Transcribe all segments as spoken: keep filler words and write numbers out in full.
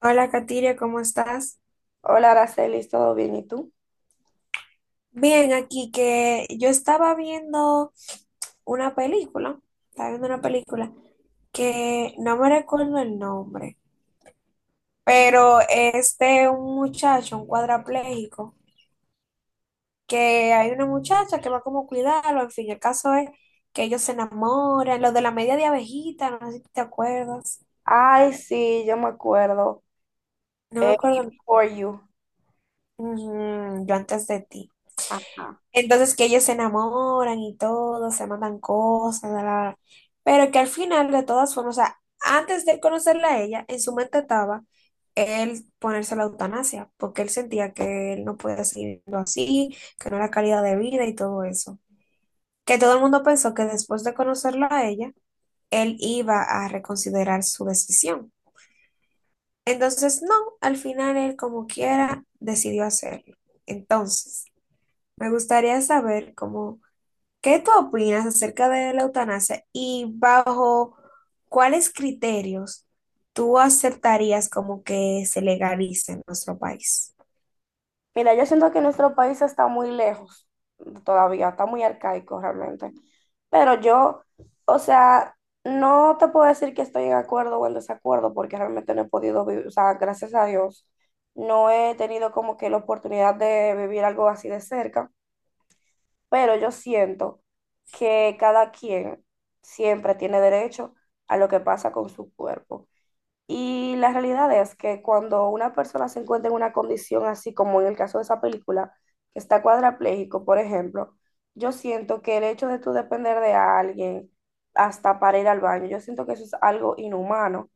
Hola, Katiria, ¿cómo estás? Hola, Araceli, ¿todo bien? ¿Y tú? Bien, aquí que yo estaba viendo una película, estaba viendo una película que no me recuerdo el nombre, pero es de un muchacho, un cuadrapléjico, que hay una muchacha que va como a cuidarlo, en fin, el caso es que ellos se enamoran, lo de la media de abejita, no sé si te acuerdas, Ay, sí, yo me acuerdo. no me Eh, acuerdo. For you. Ujú, yo antes de ti. Ajá. Entonces que ellos se enamoran y todo, se mandan cosas, la, la, la. Pero que al final, de todas formas, o sea, antes de conocerla a ella, en su mente estaba él ponerse la eutanasia, porque él sentía que él no podía seguir viviendo así, que no era calidad de vida y todo eso. Que todo el mundo pensó que después de conocerla a ella, él iba a reconsiderar su decisión. Entonces, no, al final él como quiera decidió hacerlo. Entonces, me gustaría saber cómo. ¿Qué tú opinas acerca de la eutanasia y bajo cuáles criterios tú aceptarías como que se legalice en nuestro país? Mira, yo siento que nuestro país está muy lejos todavía, está muy arcaico realmente. Pero yo, o sea, no te puedo decir que estoy en acuerdo o en desacuerdo porque realmente no he podido vivir, o sea, gracias a Dios, no he tenido como que la oportunidad de vivir algo así de cerca. Pero yo siento que cada quien siempre tiene derecho a lo que pasa con su cuerpo. Y la realidad es que cuando una persona se encuentra en una condición así como en el caso de esa película, que está cuadrapléjico, por ejemplo, yo siento que el hecho de tú depender de alguien hasta para ir al baño, yo siento que eso es algo inhumano.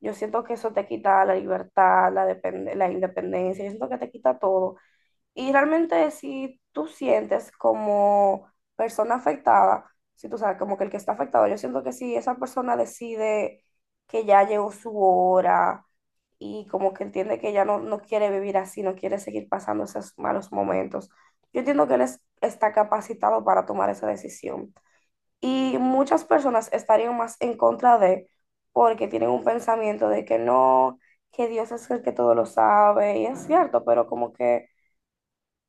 Yo siento que eso te quita la libertad, la, depende- la independencia, yo siento que te quita todo. Y realmente si tú sientes como persona afectada, si tú sabes como que el que está afectado, yo siento que si esa persona decide que ya llegó su hora y como que entiende que ya no, no quiere vivir así, no quiere seguir pasando esos malos momentos, yo entiendo que él es- está capacitado para tomar esa decisión. Y muchas personas estarían más en contra de porque tienen un pensamiento de que no, que Dios es el que todo lo sabe, y es cierto, pero como que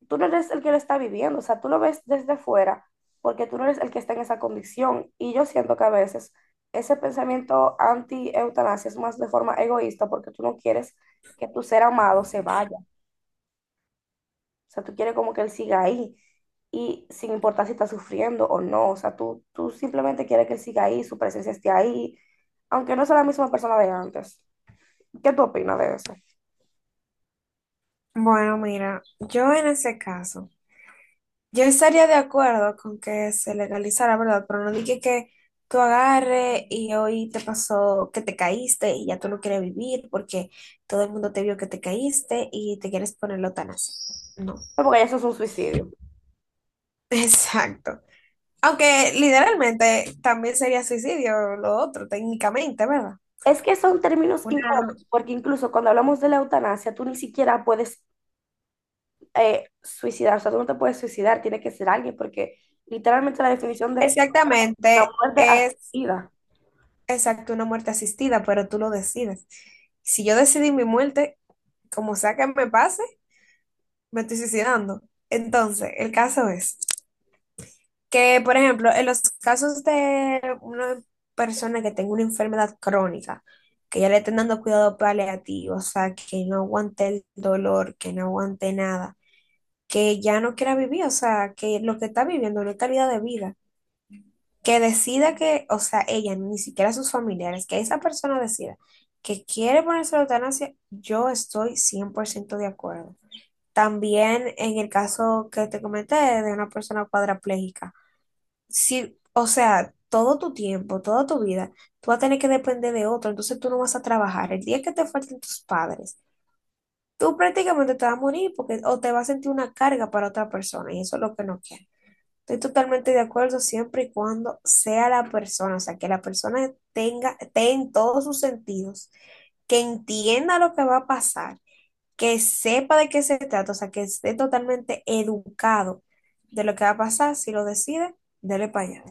tú no eres el que lo está viviendo, o sea, tú lo ves desde fuera porque tú no eres el que está en esa condición. Y yo siento que a veces ese pensamiento anti-eutanasia es más de forma egoísta porque tú no quieres que tu ser amado se vaya, o sea, tú quieres como que él siga ahí y sin importar si está sufriendo o no, o sea, tú, tú simplemente quieres que él siga ahí, su presencia esté ahí, aunque no sea la misma persona de antes. ¿Qué tú opinas de eso? Bueno, mira, yo en ese caso, yo estaría de acuerdo con que se legalizara, ¿verdad? Pero no dije que tú agarre y hoy te pasó que te caíste y ya tú no quieres vivir porque todo el mundo te vio que te caíste y te quieres poner la eutanasia. No. Porque eso es un suicidio. Exacto. Aunque literalmente también sería suicidio lo otro, técnicamente, ¿verdad? Es que son términos Una, incómodos, porque incluso cuando hablamos de la eutanasia, tú ni siquiera puedes eh, suicidar, o sea, tú no te puedes suicidar, tiene que ser alguien, porque literalmente la definición de la exactamente, muerte es asistida. exacto una muerte asistida, pero tú lo decides. Si yo decidí mi muerte, como sea que me pase, me estoy suicidando. Entonces, el caso es que, por ejemplo, en los casos de una persona que tenga una enfermedad crónica, que ya le estén dando cuidado paliativo, o sea, que no aguante el dolor, que no aguante nada que ya no quiera vivir, o sea, que lo que está viviendo no es calidad de vida, que decida que, o sea, ella, ni siquiera sus familiares, que esa persona decida que quiere ponerse la eutanasia, yo estoy cien por ciento de acuerdo. También en el caso que te comenté de una persona cuadraplégica, si, o sea, todo tu tiempo, toda tu vida, tú vas a tener que depender de otro, entonces tú no vas a trabajar. El día que te falten tus padres, tú prácticamente te vas a morir porque o te vas a sentir una carga para otra persona y eso es lo que no quiero. Estoy totalmente de acuerdo siempre y cuando sea la persona, o sea, que la persona tenga, esté en todos sus sentidos, que entienda lo que va a pasar, que sepa de qué se trata, o sea, que esté totalmente educado de lo que va a pasar, si lo decide, dele para allá.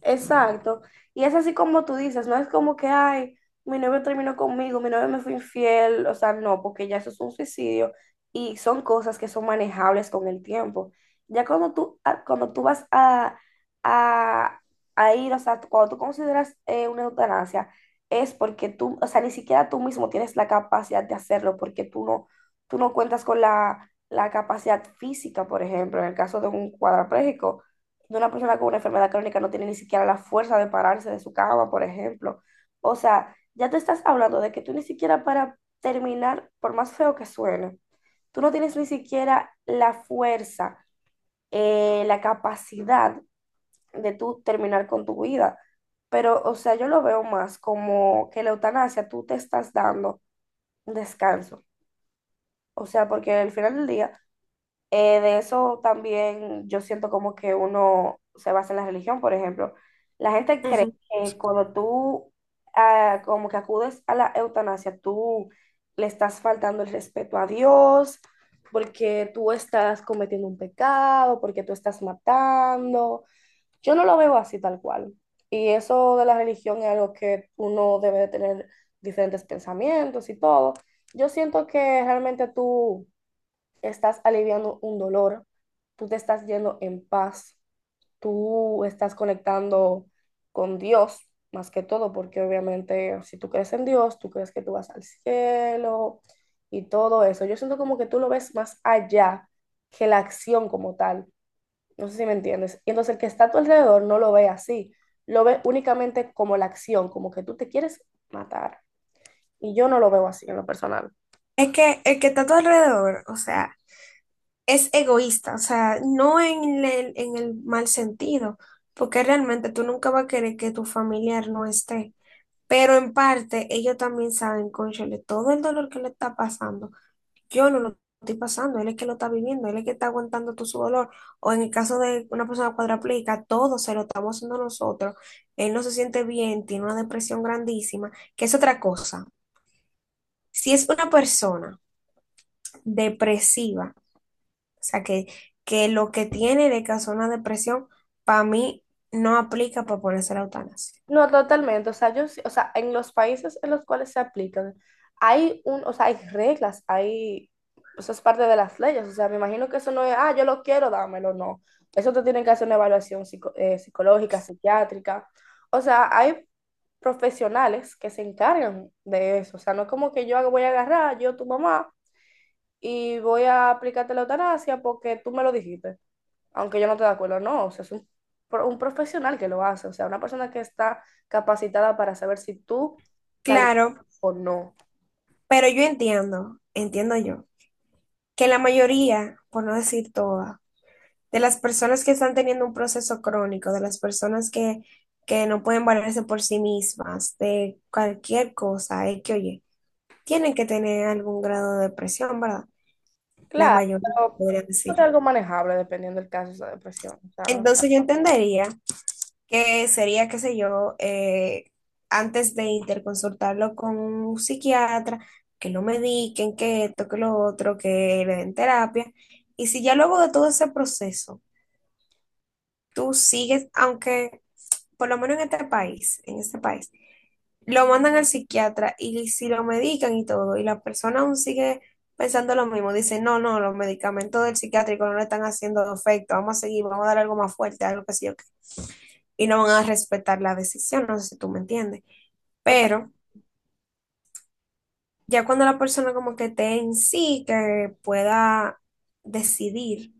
Exacto. Y es así como tú dices, no es como que, ay, mi novio terminó conmigo, mi novio me fue infiel, o sea, no, porque ya eso es un suicidio y son cosas que son manejables con el tiempo. Ya cuando tú, a- cuando tú vas a, a, a ir, o sea, cuando tú consideras eh, una eutanasia, es porque tú, o sea, ni siquiera tú mismo tienes la capacidad de hacerlo, porque tú no, tú no cuentas con la, la capacidad física, por ejemplo, en el caso de un cuadrapléjico de una persona con una enfermedad crónica no tiene ni siquiera la fuerza de pararse de su cama, por ejemplo. O sea, ya te estás hablando de que tú ni siquiera para terminar, por más feo que suene, tú no tienes ni siquiera la fuerza, eh, la capacidad de tú terminar con tu vida. Pero, o sea, yo lo veo más como que la eutanasia tú te estás dando un descanso. O sea, porque al final del día eh, de eso también yo siento como que uno se basa en la religión, por ejemplo. La gente Ujú. cree que cuando tú ah, como que acudes a la eutanasia, tú le estás faltando el respeto a Dios, porque tú estás cometiendo un pecado, porque tú estás matando. Yo no lo veo así tal cual. Y eso de la religión es algo que uno debe de tener diferentes pensamientos y todo. Yo siento que realmente tú estás aliviando un dolor, tú te estás yendo en paz, tú estás conectando con Dios más que todo, porque obviamente si tú crees en Dios, tú crees que tú vas al cielo y todo eso. Yo siento como que tú lo ves más allá que la acción como tal. No sé si me entiendes. Y entonces el que está a tu alrededor no lo ve así, lo ve únicamente como la acción, como que tú te quieres matar. Y yo no lo veo así en lo personal. Es que el que está a tu alrededor, o sea, es egoísta, o sea, no en el, en el mal sentido, porque realmente tú nunca vas a querer que tu familiar no esté. Pero en parte, ellos también saben, cónchale, todo el dolor que le está pasando. Yo no lo estoy pasando, él es que lo está viviendo, él es que está aguantando todo su dolor. O en el caso de una persona cuadraplégica, todo se lo estamos haciendo nosotros. Él no se siente bien, tiene una depresión grandísima, que es otra cosa. Si es una persona depresiva, o sea, que, que lo que tiene le causó una depresión, para mí no aplica para ponerse la eutanasia. No, totalmente. O sea, yo, sí- o sea, en los países en los cuales se aplican, hay un, o sea, hay reglas, hay, eso es parte de las leyes. O sea, me imagino que eso no es, ah, yo lo quiero, dámelo, no. Eso te tienen que hacer una evaluación psico- eh, psicológica, psiquiátrica. O sea, hay profesionales que se encargan de eso. O sea, no es como que yo voy a agarrar, yo tu mamá, y voy a aplicarte la eutanasia porque tú me lo dijiste aunque yo no estoy de acuerdo, no, o sea, es un, pro- un profesional que lo hace, o sea, una persona que está capacitada para saber si tú calificas Claro, o no. pero yo entiendo, entiendo yo que la mayoría, por no decir toda, de las personas que están teniendo un proceso crónico, de las personas que, que no pueden valerse por sí mismas, de cualquier cosa, es que oye, tienen que tener algún grado de depresión, ¿verdad? La Claro, mayoría, pero podría es decirle. algo manejable dependiendo del caso de esa depresión. O sea, no, Entonces yo entendería que sería, qué sé yo, eh, antes de interconsultarlo con un psiquiatra, que lo mediquen, que esto, que lo otro, que le den terapia. Y si ya luego de todo ese proceso, tú sigues, aunque por lo menos en este país, en este país, lo mandan al psiquiatra y si lo medican y todo, y la persona aún sigue pensando lo mismo, dice, no, no, los medicamentos del psiquiátrico no le están haciendo efecto, vamos a seguir, vamos a dar algo más fuerte, algo que sí yo qué", y no van a respetar la decisión, no sé si tú me entiendes, total- pero ya cuando la persona como que esté en sí, que pueda decidir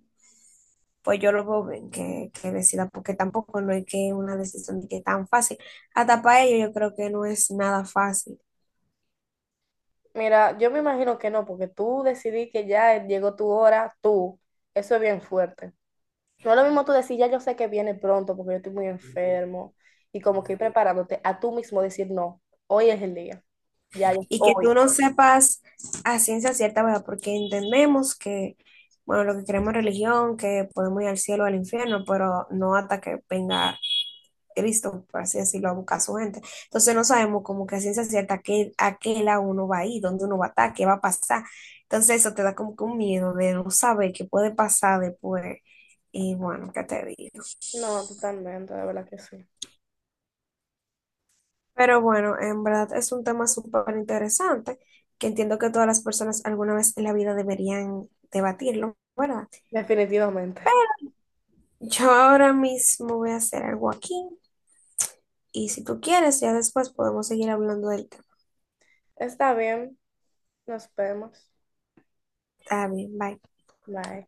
pues yo lo veo bien que, que decida, porque tampoco no es que una decisión de que es tan fácil. Hasta para ellos yo creo que no es nada fácil. mira, yo me imagino que no, porque tú decidí que ya llegó tu hora, tú, eso es bien fuerte. No es lo mismo tú decir, ya yo sé que viene pronto porque yo estoy muy enfermo y como que ir preparándote a tú mismo decir, no, hoy es el día, ya, Y que hoy. tú no sepas a ciencia cierta, ¿verdad? Porque entendemos que, bueno, lo que queremos es religión, que podemos ir al cielo o al infierno, pero no hasta que venga Cristo, por así decirlo, a buscar a su gente. Entonces no sabemos como que a ciencia cierta a qué, a qué lado uno va a ir, dónde uno va a estar, qué va a pasar. Entonces eso te da como que un miedo de no saber qué puede pasar después. Y bueno, ¿qué te digo? No, totalmente, de verdad que sí. Pero bueno, en verdad es un tema súper interesante que entiendo que todas las personas alguna vez en la vida deberían debatirlo, ¿verdad? Definitivamente. Yo ahora mismo voy a hacer algo aquí y si tú quieres, ya después podemos seguir hablando del tema. Está bien, nos vemos. Está bien, bye. Bye.